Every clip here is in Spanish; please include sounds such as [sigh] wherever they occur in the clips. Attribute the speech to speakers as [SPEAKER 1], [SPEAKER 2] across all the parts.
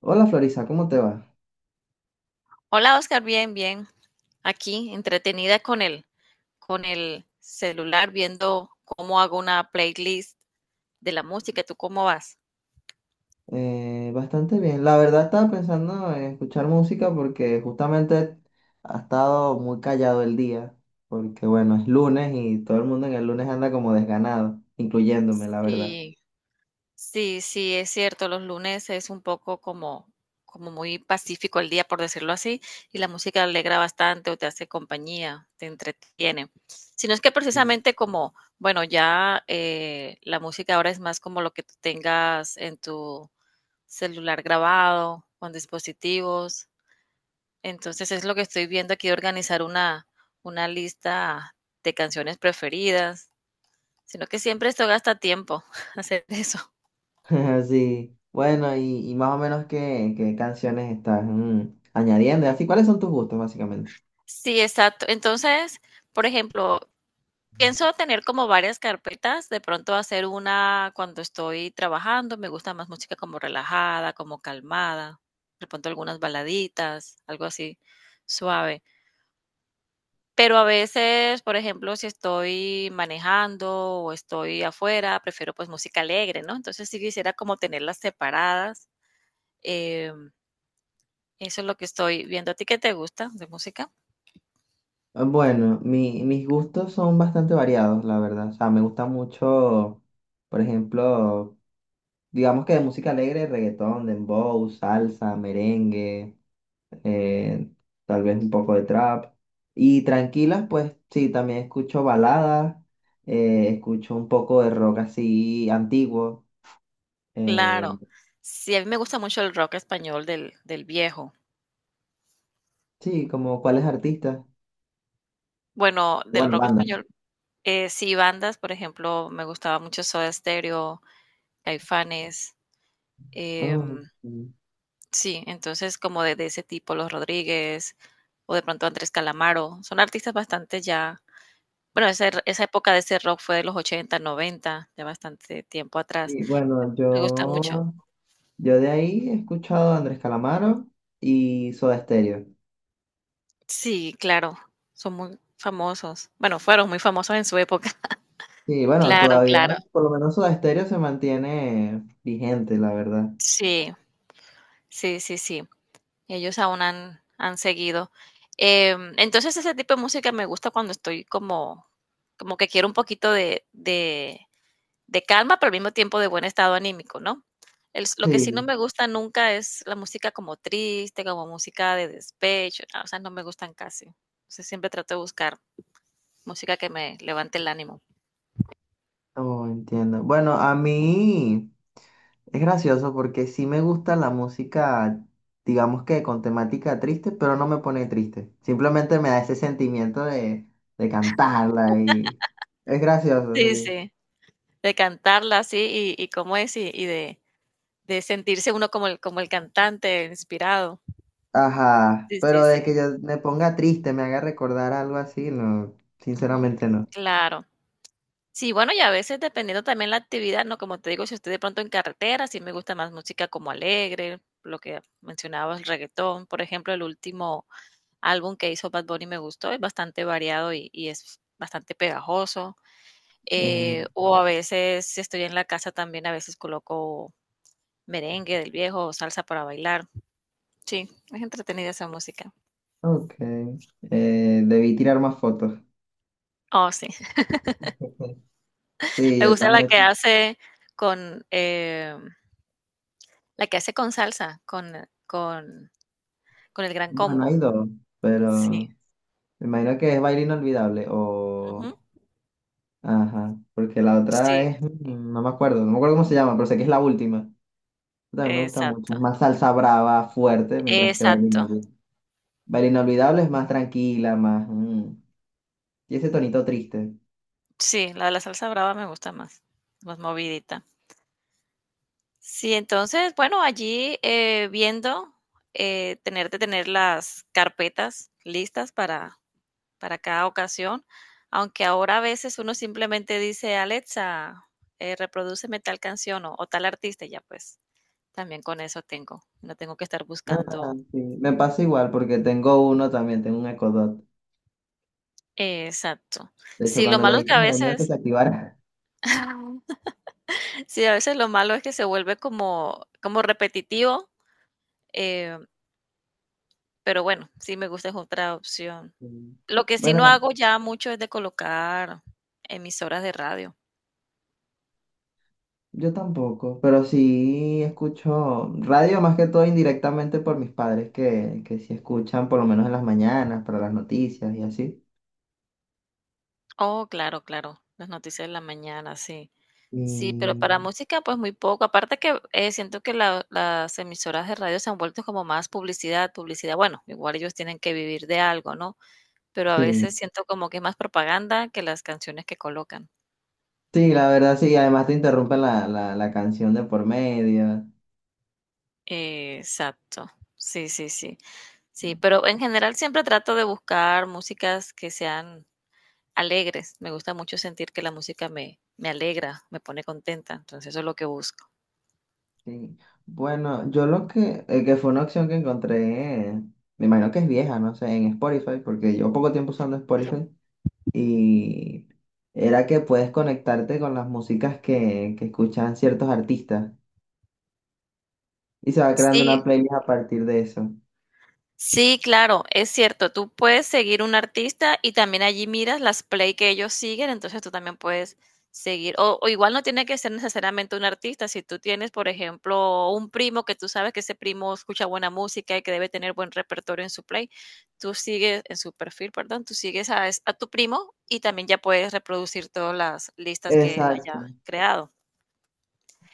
[SPEAKER 1] Hola Florisa, ¿cómo te va?
[SPEAKER 2] Hola, Oscar, bien, bien. Aquí, entretenida con con el celular, viendo cómo hago una playlist de la música. ¿Tú cómo vas?
[SPEAKER 1] Bastante bien. La verdad, estaba pensando en escuchar música porque justamente ha estado muy callado el día, porque bueno, es lunes y todo el mundo en el lunes anda como desganado, incluyéndome, la verdad.
[SPEAKER 2] Sí. Sí, sí, es cierto, los lunes es un poco como muy pacífico el día, por decirlo así, y la música alegra bastante o te hace compañía, te entretiene. Si no es que
[SPEAKER 1] Mm.
[SPEAKER 2] precisamente como, bueno, ya la música ahora es más como lo que tú tengas en tu celular grabado, con dispositivos. Entonces es lo que estoy viendo aquí de organizar una lista de canciones preferidas, sino que siempre esto gasta tiempo [laughs] hacer eso.
[SPEAKER 1] [laughs] Sí, bueno, y más o menos qué canciones estás añadiendo, y así, ¿cuáles son tus gustos básicamente?
[SPEAKER 2] Sí, exacto. Entonces, por ejemplo, pienso tener como varias carpetas, de pronto hacer una cuando estoy trabajando, me gusta más música como relajada, como calmada, de pronto algunas baladitas, algo así suave. Pero a veces, por ejemplo, si estoy manejando o estoy afuera, prefiero pues música alegre, ¿no? Entonces sí quisiera como tenerlas separadas. em, Eso es lo que estoy viendo. ¿A ti qué te gusta de música?
[SPEAKER 1] Ah, bueno, mis gustos son bastante variados, la verdad. O sea, me gusta mucho, por ejemplo, digamos que de música alegre, reggaetón, dembow, salsa, merengue, eh, tal vez un poco de trap. Y tranquilas, pues sí, también escucho baladas, escucho un poco de rock así antiguo. eh,
[SPEAKER 2] Claro. Sí, a mí me gusta mucho el rock español del viejo.
[SPEAKER 1] sí, ¿como cuáles artistas?
[SPEAKER 2] Bueno, del
[SPEAKER 1] Bueno,
[SPEAKER 2] rock
[SPEAKER 1] bandas.
[SPEAKER 2] español, sí, bandas, por ejemplo, me gustaba mucho Soda Stereo, Caifanes,
[SPEAKER 1] Oh,
[SPEAKER 2] em,
[SPEAKER 1] mm.
[SPEAKER 2] sí, entonces como de ese tipo, Los Rodríguez, o de pronto Andrés Calamaro, son artistas bastante ya bueno, esa er esa época de ese rock fue de los 80 90, de bastante tiempo atrás.
[SPEAKER 1] y bueno,
[SPEAKER 2] Me gusta mucho.
[SPEAKER 1] yo, yo de ahí he escuchado a Andrés Calamaro y Soda Stereo.
[SPEAKER 2] Sí, claro, son muy famosos. Bueno, fueron muy famosos en su época. [laughs]
[SPEAKER 1] Sí, bueno,
[SPEAKER 2] Claro,
[SPEAKER 1] todavía,
[SPEAKER 2] claro.
[SPEAKER 1] por lo menos Soda Stereo se mantiene vigente, la verdad.
[SPEAKER 2] Sí. Sí, sí, sí. Ellos aún han seguido. Entonces ese tipo de música me gusta cuando estoy como, como que quiero un poquito de calma, pero al mismo tiempo de buen estado anímico, ¿no? Lo que sí no
[SPEAKER 1] Sí,
[SPEAKER 2] me gusta nunca es la música como triste, como música de despecho, ah, o sea, no me gustan casi. O sea, siempre trato de buscar música que me levante el ánimo.
[SPEAKER 1] oh, entiendo. Bueno, a mí es gracioso porque sí me gusta la música, digamos que con temática triste, pero no me pone triste. Simplemente me da ese sentimiento de cantarla y es gracioso,
[SPEAKER 2] Sí,
[SPEAKER 1] sí.
[SPEAKER 2] sí, de cantarla así y cómo es y de sentirse uno como el cantante inspirado.
[SPEAKER 1] Ajá,
[SPEAKER 2] Sí, sí,
[SPEAKER 1] pero
[SPEAKER 2] sí.
[SPEAKER 1] de que yo me ponga triste, me haga recordar algo así, no,
[SPEAKER 2] Ujú,
[SPEAKER 1] sinceramente no.
[SPEAKER 2] claro. Sí, bueno, y a veces dependiendo también la actividad, ¿no? Como te digo, si estoy de pronto en carretera, sí me gusta más música como alegre, lo que mencionabas, el reggaetón. Por ejemplo, el último álbum que hizo Bad Bunny me gustó, es bastante variado y es bastante pegajoso.
[SPEAKER 1] Mm,
[SPEAKER 2] O a veces, si estoy en la casa también, a veces coloco merengue del viejo o salsa para bailar. Sí, es entretenida esa música.
[SPEAKER 1] ok. Debí tirar más fotos.
[SPEAKER 2] Oh, sí.
[SPEAKER 1] [laughs]
[SPEAKER 2] [laughs]
[SPEAKER 1] Sí,
[SPEAKER 2] Me
[SPEAKER 1] yo
[SPEAKER 2] gusta la que
[SPEAKER 1] también.
[SPEAKER 2] hace con... eh, la que hace con salsa, con con el Gran
[SPEAKER 1] Bueno,
[SPEAKER 2] Combo.
[SPEAKER 1] hay dos,
[SPEAKER 2] Sí,
[SPEAKER 1] pero... Me imagino que es Baile Inolvidable
[SPEAKER 2] ujú.
[SPEAKER 1] o... Ajá, porque la
[SPEAKER 2] Sí,
[SPEAKER 1] otra es... mm, no me acuerdo, no me acuerdo cómo se llama, pero sé que es la última. También me gusta mucho,
[SPEAKER 2] exacto,
[SPEAKER 1] es más salsa brava, fuerte, mientras que Baile
[SPEAKER 2] exacto.
[SPEAKER 1] Inolvidable. Baile Inolvidable es más tranquila, más... mm, y ese tonito triste.
[SPEAKER 2] Sí, la de la salsa brava me gusta más, más movidita. Sí, entonces, bueno, allí, viendo, tener las carpetas listas para cada ocasión, aunque ahora a veces uno simplemente dice: "Alexa, reprodúceme tal canción o tal artista", y ya, pues, también con eso tengo, no tengo que estar
[SPEAKER 1] Ah,
[SPEAKER 2] buscando.
[SPEAKER 1] sí, me pasa igual porque tengo uno también, tengo un Echo Dot.
[SPEAKER 2] Exacto.
[SPEAKER 1] De hecho,
[SPEAKER 2] Sí, lo
[SPEAKER 1] cuando lo
[SPEAKER 2] malo es que
[SPEAKER 1] dijiste
[SPEAKER 2] a
[SPEAKER 1] me dio miedo que
[SPEAKER 2] veces
[SPEAKER 1] se activara. [laughs]
[SPEAKER 2] [laughs] sí, a veces lo malo es que se vuelve como como repetitivo, eh, pero bueno, sí me gusta, es otra opción.
[SPEAKER 1] Sí.
[SPEAKER 2] Lo que sí no
[SPEAKER 1] Bueno,
[SPEAKER 2] hago ya mucho es de colocar emisoras de radio.
[SPEAKER 1] yo tampoco, pero sí escucho radio más que todo indirectamente por mis padres que sí escuchan por lo menos en las mañanas para las noticias y así.
[SPEAKER 2] Oh, claro, claro, las noticias de la mañana, sí. Sí, pero
[SPEAKER 1] Y
[SPEAKER 2] para música, pues, muy poco. Aparte que, siento que la las emisoras de radio se han vuelto como más publicidad, publicidad. Bueno, igual ellos tienen que vivir de algo, ¿no? Pero a veces
[SPEAKER 1] sí,
[SPEAKER 2] siento como que es más propaganda que las canciones que colocan.
[SPEAKER 1] sí, la verdad sí, además te interrumpen la canción de por medio.
[SPEAKER 2] Exacto. Sí, sí, sí. Sí, pero en general siempre trato de buscar músicas que sean alegres. Me gusta mucho sentir que la música me alegra, me pone contenta, entonces eso es lo que busco.
[SPEAKER 1] Sí. Bueno, yo lo que fue una opción que encontré, me imagino que es vieja, no sé, en Spotify, porque llevo poco tiempo usando Spotify y era que puedes conectarte con las músicas que escuchan ciertos artistas. Y se va creando una
[SPEAKER 2] Sí.
[SPEAKER 1] playlist a partir de eso.
[SPEAKER 2] Sí, claro, es cierto. Tú puedes seguir un artista y también allí miras las play que ellos siguen, entonces tú también puedes seguir. O igual no tiene que ser necesariamente un artista. Si tú tienes, por ejemplo, un primo que tú sabes que ese primo escucha buena música y que debe tener buen repertorio en su play, tú sigues en su perfil, perdón, tú sigues a, es- a tu primo y también ya puedes reproducir todas las listas que él haya
[SPEAKER 1] Exacto.
[SPEAKER 2] creado.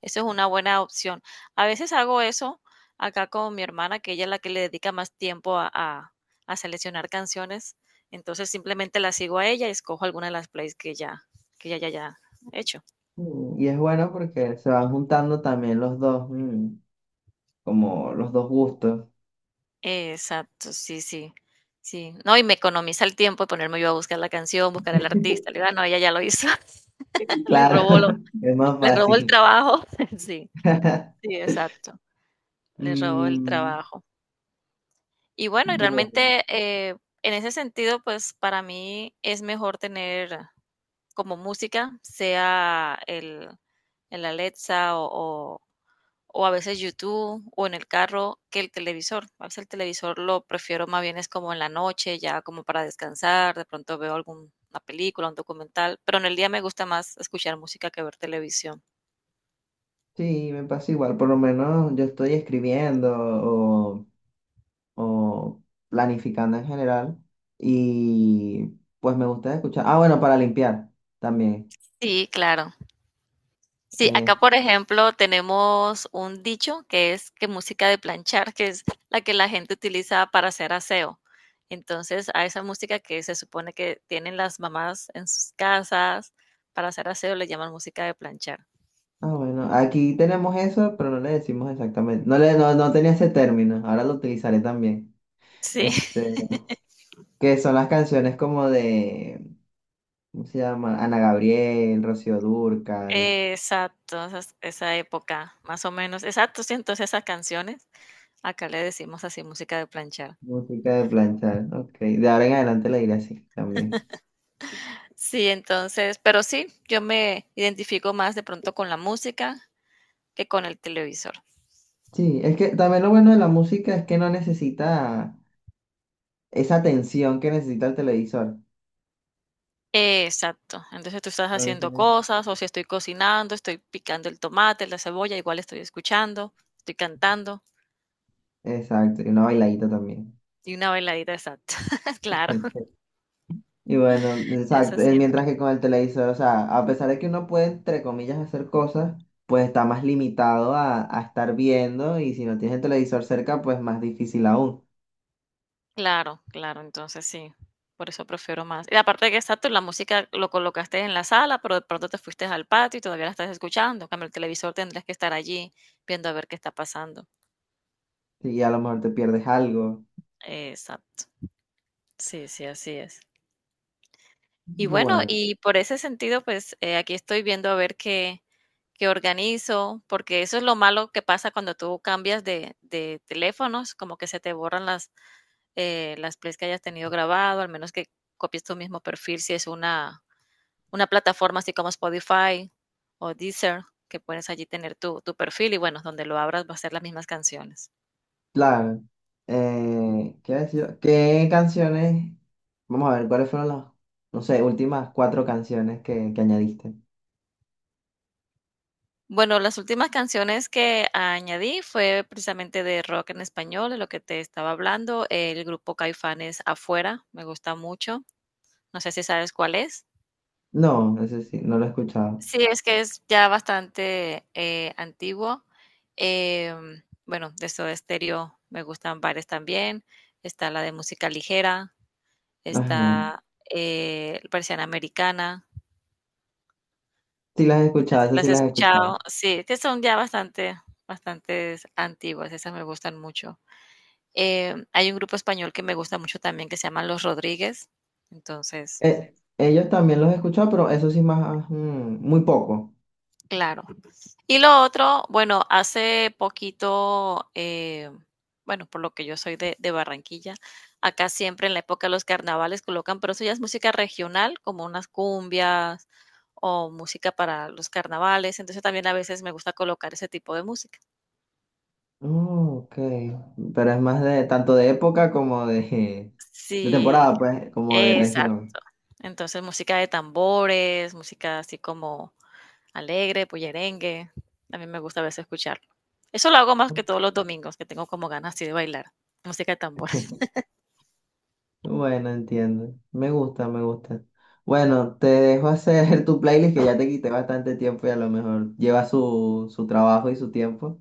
[SPEAKER 2] Eso es una buena opción. A veces hago eso acá con mi hermana, que ella es la que le dedica más tiempo a seleccionar canciones. Entonces simplemente la sigo a ella y escojo alguna de las plays que ya hecho.
[SPEAKER 1] Mm, y es bueno porque se van juntando también los dos, mm, como los dos gustos.
[SPEAKER 2] Exacto, sí, sí, sí. No, y me economiza el tiempo de ponerme yo a buscar la canción, buscar al artista. Le digo, "Ah, no, ella ya lo hizo". [laughs] Le
[SPEAKER 1] Claro,
[SPEAKER 2] robó lo,
[SPEAKER 1] [laughs] es más
[SPEAKER 2] le robó el
[SPEAKER 1] fácil.
[SPEAKER 2] trabajo. [laughs] Sí,
[SPEAKER 1] [laughs]
[SPEAKER 2] sí, exacto. Le robó el
[SPEAKER 1] Mm,
[SPEAKER 2] trabajo. Y bueno, y
[SPEAKER 1] bueno,
[SPEAKER 2] realmente en ese sentido, pues para mí es mejor tener como música, sea el Alexa o, o a veces YouTube o en el carro que el televisor. A veces el televisor lo prefiero más bien es como en la noche, ya como para descansar, de pronto veo alguna película, un documental, pero en el día me gusta más escuchar música que ver televisión.
[SPEAKER 1] sí, me pasa igual. Por lo menos yo estoy escribiendo o planificando en general. Y pues me gusta escuchar. Ah, bueno, para limpiar también.
[SPEAKER 2] Sí, claro. Sí,
[SPEAKER 1] Eh,
[SPEAKER 2] acá por ejemplo tenemos un dicho que es que música de planchar, que es la que la gente utiliza para hacer aseo. Entonces, a esa música que se supone que tienen las mamás en sus casas para hacer aseo le llaman música de planchar.
[SPEAKER 1] ah, bueno, aquí tenemos eso, pero no le decimos exactamente. No le, no, no tenía ese término, ahora lo utilizaré también.
[SPEAKER 2] Sí, [laughs]
[SPEAKER 1] Este, que son las canciones como de, ¿cómo se llama? Ana Gabriel, Rocío Dúrcal,
[SPEAKER 2] exacto, esa época, más o menos. Exacto, sí, entonces esas canciones, acá le decimos así música de planchar.
[SPEAKER 1] música de planchar. Ok, de ahora en adelante la iré así también.
[SPEAKER 2] Sí, entonces, pero sí, yo me identifico más de pronto con la música que con el televisor.
[SPEAKER 1] Sí, es que también lo bueno de la música es que no necesita esa atención que necesita el televisor.
[SPEAKER 2] Exacto. Entonces tú estás haciendo
[SPEAKER 1] Entonces,
[SPEAKER 2] cosas, o si estoy cocinando, estoy picando el tomate, la cebolla, igual estoy escuchando, estoy cantando
[SPEAKER 1] exacto, y una bailadita también.
[SPEAKER 2] y una bailadita, exacto. [laughs] Claro.
[SPEAKER 1] [laughs] Y bueno,
[SPEAKER 2] Eso
[SPEAKER 1] exacto, mientras
[SPEAKER 2] siempre.
[SPEAKER 1] que con el televisor, o sea, a pesar de que uno puede, entre comillas, hacer cosas, pues está más limitado a estar viendo y si no tienes el televisor cerca, pues más difícil aún.
[SPEAKER 2] Claro, claro, entonces sí, por eso prefiero más. Y aparte de que exacto, la música lo colocaste en la sala, pero de pronto te fuiste al patio y todavía la estás escuchando. En cambio, el televisor tendrás que estar allí viendo a ver qué está pasando.
[SPEAKER 1] Y a lo mejor te pierdes algo.
[SPEAKER 2] Exacto. Sí, sí, así es. Y bueno,
[SPEAKER 1] Bueno,
[SPEAKER 2] y por ese sentido, pues aquí estoy viendo a ver qué organizo, porque eso es lo malo que pasa cuando tú cambias de teléfonos, como que se te borran las plays que hayas tenido grabado, al menos que copies tu mismo perfil, si es una plataforma así como Spotify o Deezer, que puedes allí tener tu perfil y bueno, donde lo abras va a ser las mismas canciones.
[SPEAKER 1] claro. ¿Qué iba a decir? ¿Qué canciones? Vamos a ver, ¿cuáles fueron las, no sé, últimas cuatro canciones que añadiste?
[SPEAKER 2] Bueno, las últimas canciones que añadí fue precisamente de rock en español, de lo que te estaba hablando. El grupo Caifanes Afuera, me gusta mucho. No sé si sabes cuál es.
[SPEAKER 1] No, eso sí, no lo he escuchado.
[SPEAKER 2] Sí, es que es ya bastante antiguo. Bueno, de Soda Stereo me gustan varias también. Está la de música ligera,
[SPEAKER 1] Ajá.
[SPEAKER 2] está Persiana Americana.
[SPEAKER 1] Sí las he
[SPEAKER 2] No sé
[SPEAKER 1] escuchado,
[SPEAKER 2] si
[SPEAKER 1] eso sí
[SPEAKER 2] las has
[SPEAKER 1] las he escuchado.
[SPEAKER 2] escuchado. Sí, que son ya bastante, bastantes antiguas. Esas me gustan mucho. Hay un grupo español que me gusta mucho también que se llama Los Rodríguez. Entonces,
[SPEAKER 1] Eh, ellos también los he escuchado, pero eso sí más, mm, muy poco.
[SPEAKER 2] claro. Y lo otro, bueno, hace poquito, bueno, por lo que yo soy de Barranquilla, acá siempre en la época de los carnavales colocan, pero eso ya es música regional, como unas cumbias o música para los carnavales. Entonces también a veces me gusta colocar ese tipo de música.
[SPEAKER 1] Oh, ok. Pero es más de tanto de época como de
[SPEAKER 2] Sí,
[SPEAKER 1] temporada, pues, como de región.
[SPEAKER 2] exacto. Entonces música de tambores, música así como alegre, bullerengue. También me gusta a veces escucharlo. Eso lo hago más que todos los domingos, que tengo como ganas así de bailar. Música de tambor. [laughs]
[SPEAKER 1] Bueno, entiendo. Me gusta, me gusta. Bueno, te dejo hacer [laughs] tu playlist, que ya te quité bastante tiempo y a lo mejor lleva su, su trabajo y su tiempo.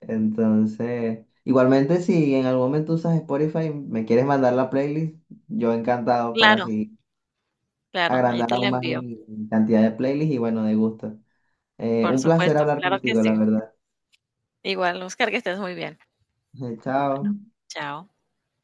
[SPEAKER 1] Entonces, igualmente, si en algún momento usas Spotify, me quieres mandar la playlist, yo encantado para
[SPEAKER 2] Claro,
[SPEAKER 1] seguir,
[SPEAKER 2] claro, allí
[SPEAKER 1] agrandar
[SPEAKER 2] te la
[SPEAKER 1] aún más
[SPEAKER 2] envío.
[SPEAKER 1] mi mi cantidad de playlists y bueno, de gusto.
[SPEAKER 2] Por
[SPEAKER 1] Un placer
[SPEAKER 2] supuesto,
[SPEAKER 1] hablar
[SPEAKER 2] claro que
[SPEAKER 1] contigo,
[SPEAKER 2] sí.
[SPEAKER 1] la verdad.
[SPEAKER 2] Igual, Oscar, que estés muy bien.
[SPEAKER 1] [laughs] Chao.
[SPEAKER 2] Bueno, chao.